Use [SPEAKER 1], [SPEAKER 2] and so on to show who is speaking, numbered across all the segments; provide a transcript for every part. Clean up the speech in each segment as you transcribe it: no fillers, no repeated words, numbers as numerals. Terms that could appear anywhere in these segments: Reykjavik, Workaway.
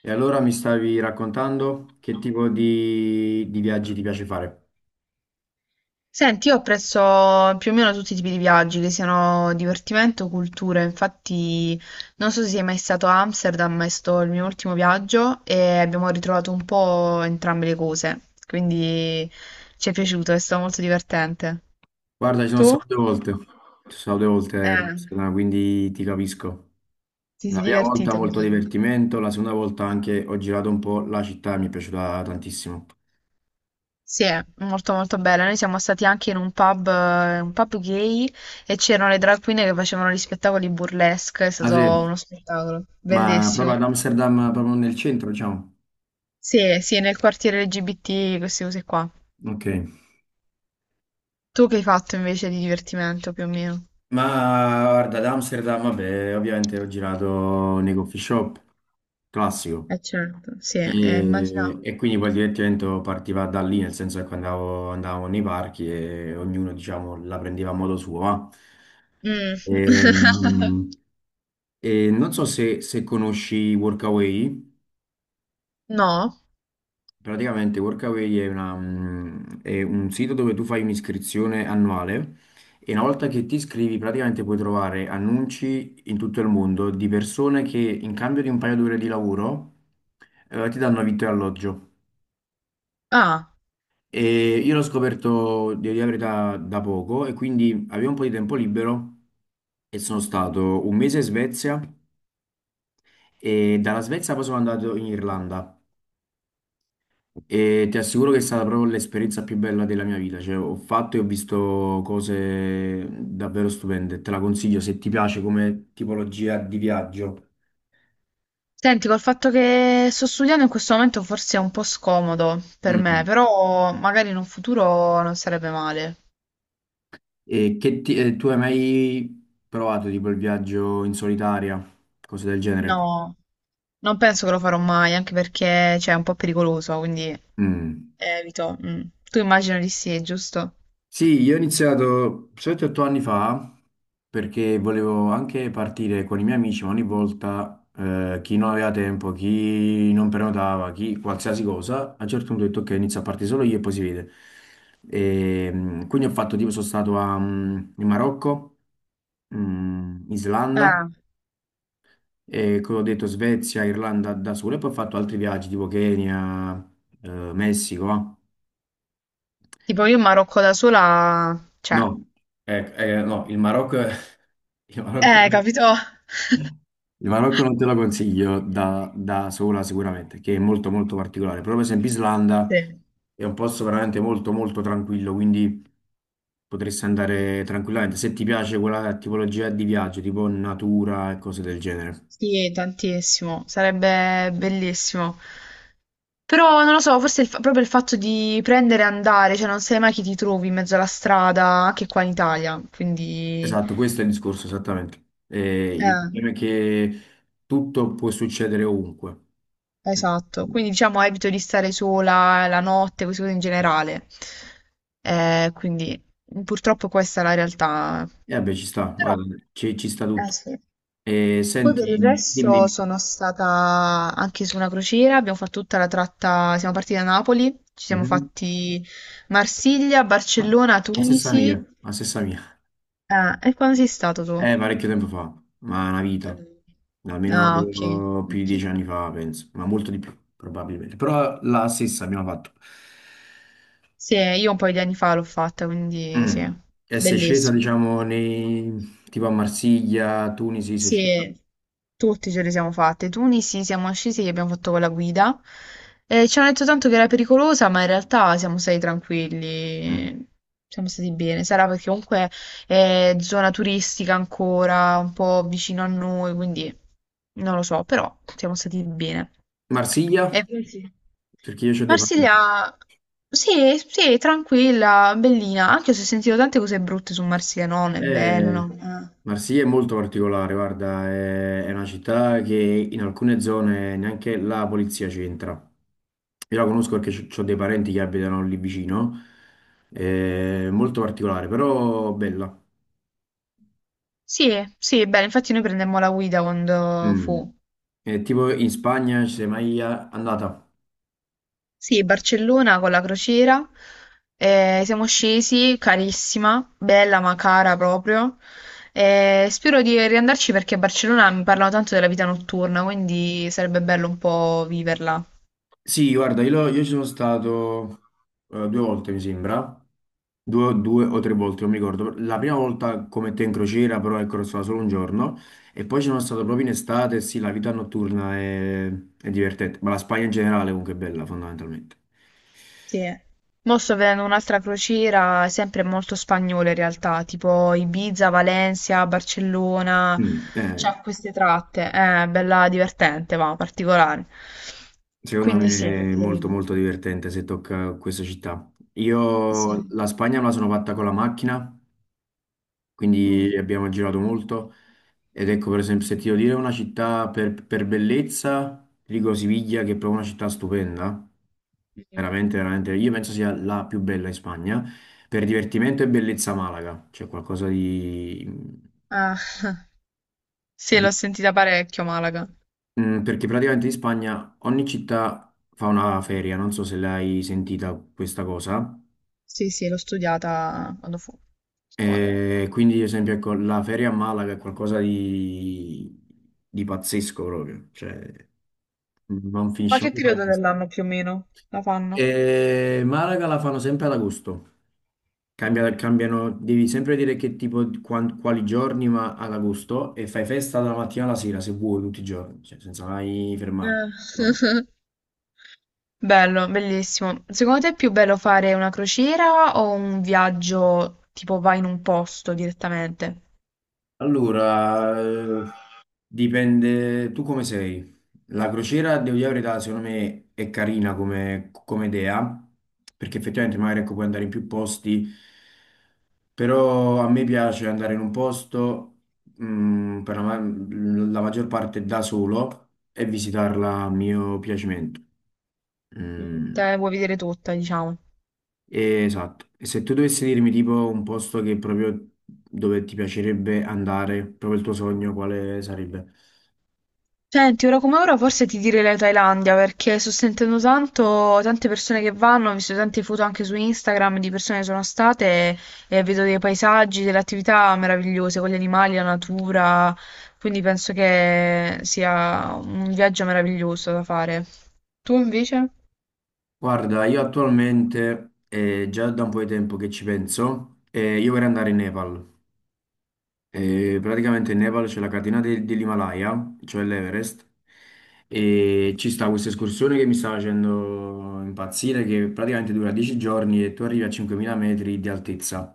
[SPEAKER 1] E allora mi stavi raccontando che tipo di viaggi ti piace fare?
[SPEAKER 2] Senti, io apprezzo più o meno tutti i tipi di viaggi, che siano divertimento o cultura. Infatti, non so se sei mai stato a Amsterdam, ma è stato il mio ultimo viaggio e abbiamo ritrovato un po' entrambe le cose. Quindi ci è piaciuto, è stato molto divertente.
[SPEAKER 1] Guarda, ci sono
[SPEAKER 2] Tu?
[SPEAKER 1] stato due volte,
[SPEAKER 2] Eh,
[SPEAKER 1] Barcellona, quindi ti capisco.
[SPEAKER 2] Ti
[SPEAKER 1] La
[SPEAKER 2] sei
[SPEAKER 1] prima volta
[SPEAKER 2] divertito.
[SPEAKER 1] molto divertimento, la seconda volta anche ho girato un po' la città, e mi è piaciuta tantissimo.
[SPEAKER 2] Sì, è molto molto bella. Noi siamo stati anche in un pub gay, e c'erano le drag queen che facevano gli spettacoli burlesque, è
[SPEAKER 1] Ah
[SPEAKER 2] stato
[SPEAKER 1] sì,
[SPEAKER 2] uno spettacolo
[SPEAKER 1] ma proprio
[SPEAKER 2] bellissimo.
[SPEAKER 1] ad Amsterdam, proprio nel centro, diciamo.
[SPEAKER 2] Sì, sì, nel quartiere LGBT, queste cose qua.
[SPEAKER 1] Ok.
[SPEAKER 2] Tu che hai fatto invece di divertimento più o meno?
[SPEAKER 1] Ma guarda, ad Amsterdam, vabbè, ovviamente ho girato nei coffee shop, classico.
[SPEAKER 2] Eh certo, sì,
[SPEAKER 1] E,
[SPEAKER 2] immaginavo.
[SPEAKER 1] e quindi poi il divertimento partiva da lì, nel senso che quando andavamo nei parchi e ognuno, diciamo, la prendeva a modo suo. Va.
[SPEAKER 2] Mm.
[SPEAKER 1] Ehm, E, non so se conosci Workaway.
[SPEAKER 2] No?
[SPEAKER 1] Praticamente Workaway è un sito dove tu fai un'iscrizione annuale e una volta che ti iscrivi praticamente puoi trovare annunci in tutto il mondo di persone che in cambio di un paio d'ore di lavoro ti danno vitto e alloggio.
[SPEAKER 2] Ah.
[SPEAKER 1] E io l'ho scoperto di dire la verità da poco e quindi avevo un po' di tempo libero e sono stato un mese in Svezia e dalla Svezia poi sono andato in Irlanda e ti assicuro che è stata proprio l'esperienza più bella della mia vita, cioè ho fatto e ho visto cose davvero stupende, te la consiglio se ti piace come tipologia di viaggio.
[SPEAKER 2] Senti, col fatto che sto studiando in questo momento forse è un po' scomodo per me,
[SPEAKER 1] Mm.
[SPEAKER 2] però magari in un futuro non sarebbe male.
[SPEAKER 1] E tu hai mai provato tipo il viaggio in solitaria, cose del genere?
[SPEAKER 2] No, non penso che lo farò mai, anche perché cioè, è un po' pericoloso, quindi
[SPEAKER 1] Mm.
[SPEAKER 2] evito. Mm. Tu immagino di sì, giusto?
[SPEAKER 1] Sì, io ho iniziato 7-8 anni fa perché volevo anche partire con i miei amici, ma ogni volta chi non aveva tempo, chi non prenotava, chi qualsiasi cosa, a un certo punto ho detto ok, inizio a partire solo io e poi si vede. Quindi ho fatto tipo, sono stato in Marocco, Islanda,
[SPEAKER 2] Eh,
[SPEAKER 1] e come ho detto Svezia, Irlanda da solo, e poi ho fatto altri viaggi tipo Kenya, Messico. Ah.
[SPEAKER 2] tipo io in Marocco da sola, cioè,
[SPEAKER 1] No, no, il Marocco. Il Marocco
[SPEAKER 2] capito?
[SPEAKER 1] Il Marocco non te lo consiglio da sola sicuramente, che è molto molto particolare, però per esempio Islanda
[SPEAKER 2] Sì,
[SPEAKER 1] è un posto veramente molto molto tranquillo, quindi potresti andare tranquillamente se ti piace quella tipologia di viaggio, tipo natura e cose del genere.
[SPEAKER 2] sì, tantissimo, sarebbe bellissimo. Però non lo so, forse proprio il fatto di prendere e andare, cioè non sai mai chi ti trovi in mezzo alla strada, anche qua in Italia, quindi.
[SPEAKER 1] Esatto, questo è il discorso esattamente. Il
[SPEAKER 2] Eh,
[SPEAKER 1] problema è che tutto può succedere ovunque.
[SPEAKER 2] esatto, quindi diciamo evito di stare sola la notte, queste cose in generale. Quindi purtroppo questa è la realtà.
[SPEAKER 1] E vabbè, ci sta,
[SPEAKER 2] Però,
[SPEAKER 1] guarda, ci sta
[SPEAKER 2] eh
[SPEAKER 1] tutto.
[SPEAKER 2] sì. Poi
[SPEAKER 1] Senti,
[SPEAKER 2] per il
[SPEAKER 1] dimmi,
[SPEAKER 2] resto
[SPEAKER 1] dimmi.
[SPEAKER 2] sono stata anche su una crociera, abbiamo fatto tutta la tratta, siamo partiti da Napoli, ci siamo
[SPEAKER 1] Mhm.
[SPEAKER 2] fatti Marsiglia,
[SPEAKER 1] Ma
[SPEAKER 2] Barcellona,
[SPEAKER 1] La stessa mia,
[SPEAKER 2] Tunisi.
[SPEAKER 1] la stessa mia.
[SPEAKER 2] Ah, e quando sei stato tu?
[SPEAKER 1] Parecchio tempo fa, ma una vita.
[SPEAKER 2] Mm.
[SPEAKER 1] Almeno
[SPEAKER 2] Ah, ok,
[SPEAKER 1] tipo, più di
[SPEAKER 2] ok.
[SPEAKER 1] 10 anni fa, penso, ma molto di più, probabilmente. Però la stessa abbiamo fatto.
[SPEAKER 2] Sì, io un paio di anni fa l'ho fatta, quindi sì,
[SPEAKER 1] Mm. E sei scesa,
[SPEAKER 2] bellissimo.
[SPEAKER 1] diciamo, nei, tipo a Marsiglia, a Tunisi, sei scesa.
[SPEAKER 2] Sì, tutti ce le siamo fatte. Tunisi siamo scesi e abbiamo fatto con la guida. Ci hanno detto tanto che era pericolosa, ma in realtà siamo stati
[SPEAKER 1] Mm.
[SPEAKER 2] tranquilli. Siamo stati bene. Sarà perché comunque è zona turistica ancora, un po' vicino a noi, quindi non lo so, però siamo stati bene.
[SPEAKER 1] Marsiglia?
[SPEAKER 2] E così.
[SPEAKER 1] Perché io ho dei parenti.
[SPEAKER 2] Marsiglia, sì, sì, tranquilla, bellina, anche se ho sentito tante cose brutte su Marsiglia, no, non è bella,
[SPEAKER 1] Eh,
[SPEAKER 2] no. Ah,
[SPEAKER 1] Marsiglia è molto particolare, guarda, è una città che in alcune zone neanche la polizia c'entra. Io la conosco perché ho dei parenti che abitano lì vicino. È molto particolare, però bella.
[SPEAKER 2] sì, sì, è bella, infatti noi prendemmo la guida quando
[SPEAKER 1] Mm.
[SPEAKER 2] fu.
[SPEAKER 1] È tipo in Spagna ci sei mai andata?
[SPEAKER 2] Sì, Barcellona con la crociera, siamo scesi, carissima, bella ma cara proprio. Spero di riandarci perché a Barcellona mi parlano tanto della vita notturna, quindi sarebbe bello un po' viverla.
[SPEAKER 1] Sì, guarda, io ci sono stato due volte, mi sembra, due o tre volte, non mi ricordo. La prima volta come te in crociera, però ecco, ero stato solo un giorno, e poi ci sono stato proprio in estate, e sì, la vita notturna è divertente, ma la Spagna in generale comunque è bella, fondamentalmente.
[SPEAKER 2] Sì. Mo sto vedendo un'altra crociera, sempre molto spagnola in realtà, tipo Ibiza, Valencia, Barcellona,
[SPEAKER 1] Mm, eh,
[SPEAKER 2] c'ha queste tratte, è bella divertente, ma particolare.
[SPEAKER 1] Secondo
[SPEAKER 2] Quindi
[SPEAKER 1] me
[SPEAKER 2] sì,
[SPEAKER 1] è molto
[SPEAKER 2] vedremo.
[SPEAKER 1] molto divertente se tocca questa città.
[SPEAKER 2] Sì.
[SPEAKER 1] Io la Spagna me la sono fatta con la macchina,
[SPEAKER 2] Mm.
[SPEAKER 1] quindi abbiamo girato molto. Ed ecco, per esempio, se ti devo dire una città per bellezza, ti dico Siviglia, che è proprio una città stupenda,
[SPEAKER 2] Mm.
[SPEAKER 1] veramente, veramente, io penso sia la più bella in Spagna. Per divertimento e bellezza Malaga, c'è qualcosa di.
[SPEAKER 2] Ah, sì,
[SPEAKER 1] Mm,
[SPEAKER 2] l'ho sentita parecchio Malaga.
[SPEAKER 1] Perché praticamente in Spagna ogni città fa una feria, non so se l'hai sentita questa cosa.
[SPEAKER 2] Sì, sì, l'ho studiata quando fu a scuola.
[SPEAKER 1] E quindi, ad esempio, ecco, la feria a Malaga è qualcosa di pazzesco proprio, cioè non
[SPEAKER 2] Ma
[SPEAKER 1] finisce mai
[SPEAKER 2] che
[SPEAKER 1] di fare
[SPEAKER 2] periodo
[SPEAKER 1] festa.
[SPEAKER 2] dell'anno più o meno la fanno?
[SPEAKER 1] E Malaga la fanno sempre ad agosto.
[SPEAKER 2] Mm.
[SPEAKER 1] Cambiano, devi sempre dire che tipo, quali giorni, ma ad agosto e fai festa dalla mattina alla sera se vuoi tutti i giorni, cioè, senza mai fermarti.
[SPEAKER 2] Eh. Bello, bellissimo. Secondo te è più bello fare una crociera o un viaggio tipo vai in un posto direttamente?
[SPEAKER 1] Allora, dipende tu come sei. La crociera, devo dire la verità, secondo me è carina come idea, perché effettivamente magari ecco, puoi andare in più posti, però a me piace andare in un posto, per la maggior parte da solo e visitarla a mio piacimento.
[SPEAKER 2] Mm,
[SPEAKER 1] Mm,
[SPEAKER 2] te la vuoi vedere tutta, diciamo.
[SPEAKER 1] esatto. E se tu dovessi dirmi tipo un posto che proprio dove ti piacerebbe andare, proprio il tuo sogno, quale sarebbe?
[SPEAKER 2] Senti, ora come ora forse ti direi la Thailandia perché sto sentendo tanto, tante persone che vanno, ho visto tante foto anche su Instagram di persone che sono state e vedo dei paesaggi, delle attività meravigliose con gli animali, la natura, quindi penso che sia un viaggio meraviglioso da fare. Tu invece?
[SPEAKER 1] Guarda, io attualmente, già da un po' di tempo che ci penso, io vorrei andare in Nepal. Praticamente in Nepal c'è la catena dell'Himalaya, cioè l'Everest, e ci sta questa escursione che mi sta facendo impazzire, che praticamente dura 10 giorni e tu arrivi a 5.000 metri di altezza.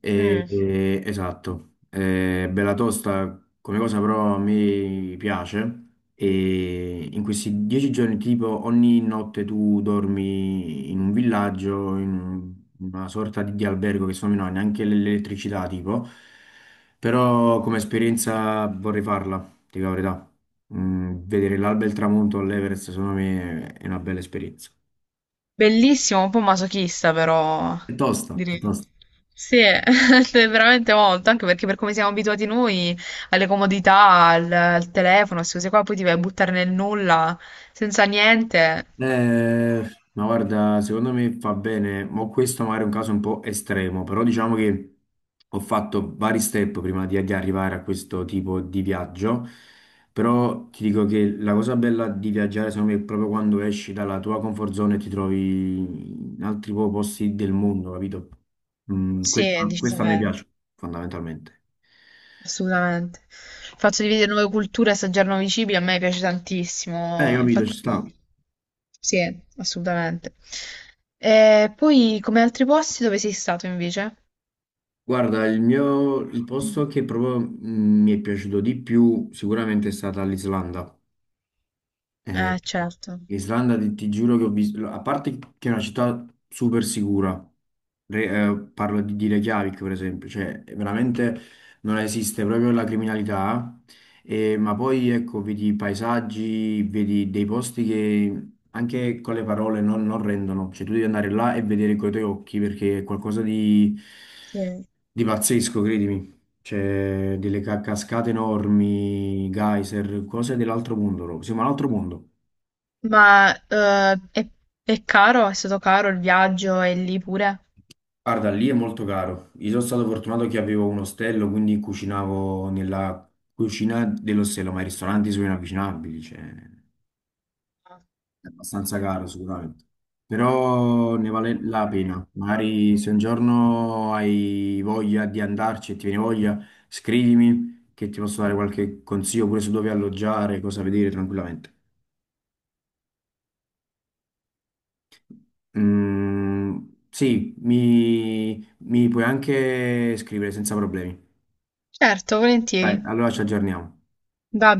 [SPEAKER 2] Mm.
[SPEAKER 1] Esatto, è bella tosta come cosa però a me piace e in questi 10 giorni tipo ogni notte tu dormi in un villaggio, in una sorta di albergo che secondo me non ha neanche l'elettricità tipo, però come esperienza vorrei farla, ti dico la verità. Vedere l'alba e il tramonto all'Everest secondo me è una bella esperienza.
[SPEAKER 2] Bellissimo, un po' masochista però,
[SPEAKER 1] È tosta, è
[SPEAKER 2] direi.
[SPEAKER 1] tosta.
[SPEAKER 2] Sì, è veramente molto, anche perché per come siamo abituati noi alle comodità, al telefono, queste cose qua, poi ti vai a buttare nel nulla, senza niente.
[SPEAKER 1] Eh, ma guarda, secondo me fa bene, ma questo magari è un caso un po' estremo, però diciamo che ho fatto vari step prima di arrivare a questo tipo di viaggio, però ti dico che la cosa bella di viaggiare secondo me è proprio quando esci dalla tua comfort zone e ti trovi in altri posti del mondo, capito? Mm,
[SPEAKER 2] Sì,
[SPEAKER 1] questo, questo a me
[SPEAKER 2] decisamente,
[SPEAKER 1] piace fondamentalmente.
[SPEAKER 2] assolutamente. Il fatto di vedere nuove culture, assaggiare nuovi cibi, a me piace tantissimo,
[SPEAKER 1] Capito, ci sta.
[SPEAKER 2] infatti sì, assolutamente. E poi come altri posti dove sei stato invece?
[SPEAKER 1] Guarda, il posto
[SPEAKER 2] Mm.
[SPEAKER 1] che proprio mi, è piaciuto di più sicuramente è stata l'Islanda. Eh,
[SPEAKER 2] Certo.
[SPEAKER 1] l'Islanda, ti giuro che ho visto, a parte che è una città super sicura. Parlo di Reykjavik per esempio, cioè veramente non esiste proprio la criminalità, ma poi ecco, vedi i paesaggi, vedi dei posti che anche con le parole non rendono, cioè tu devi andare là e vedere con i tuoi occhi perché è qualcosa di...
[SPEAKER 2] Sì.
[SPEAKER 1] Di pazzesco, credimi. C'è delle cascate enormi, geyser, cose dell'altro mondo, proprio. Siamo all'altro mondo.
[SPEAKER 2] Ma è caro? È stato caro il viaggio e lì pure?
[SPEAKER 1] Guarda, lì è molto caro. Io sono stato fortunato che avevo un ostello, quindi cucinavo nella cucina dell'ostello, ma i ristoranti sono inavvicinabili, cioè è abbastanza caro sicuramente. Però ne vale la pena. Magari se un giorno hai voglia di andarci e ti viene voglia, scrivimi che ti posso dare qualche consiglio pure su dove alloggiare, cosa vedere tranquillamente. Mm, sì, mi puoi anche scrivere senza problemi.
[SPEAKER 2] Certo,
[SPEAKER 1] Dai,
[SPEAKER 2] volentieri.
[SPEAKER 1] allora ci aggiorniamo.
[SPEAKER 2] Va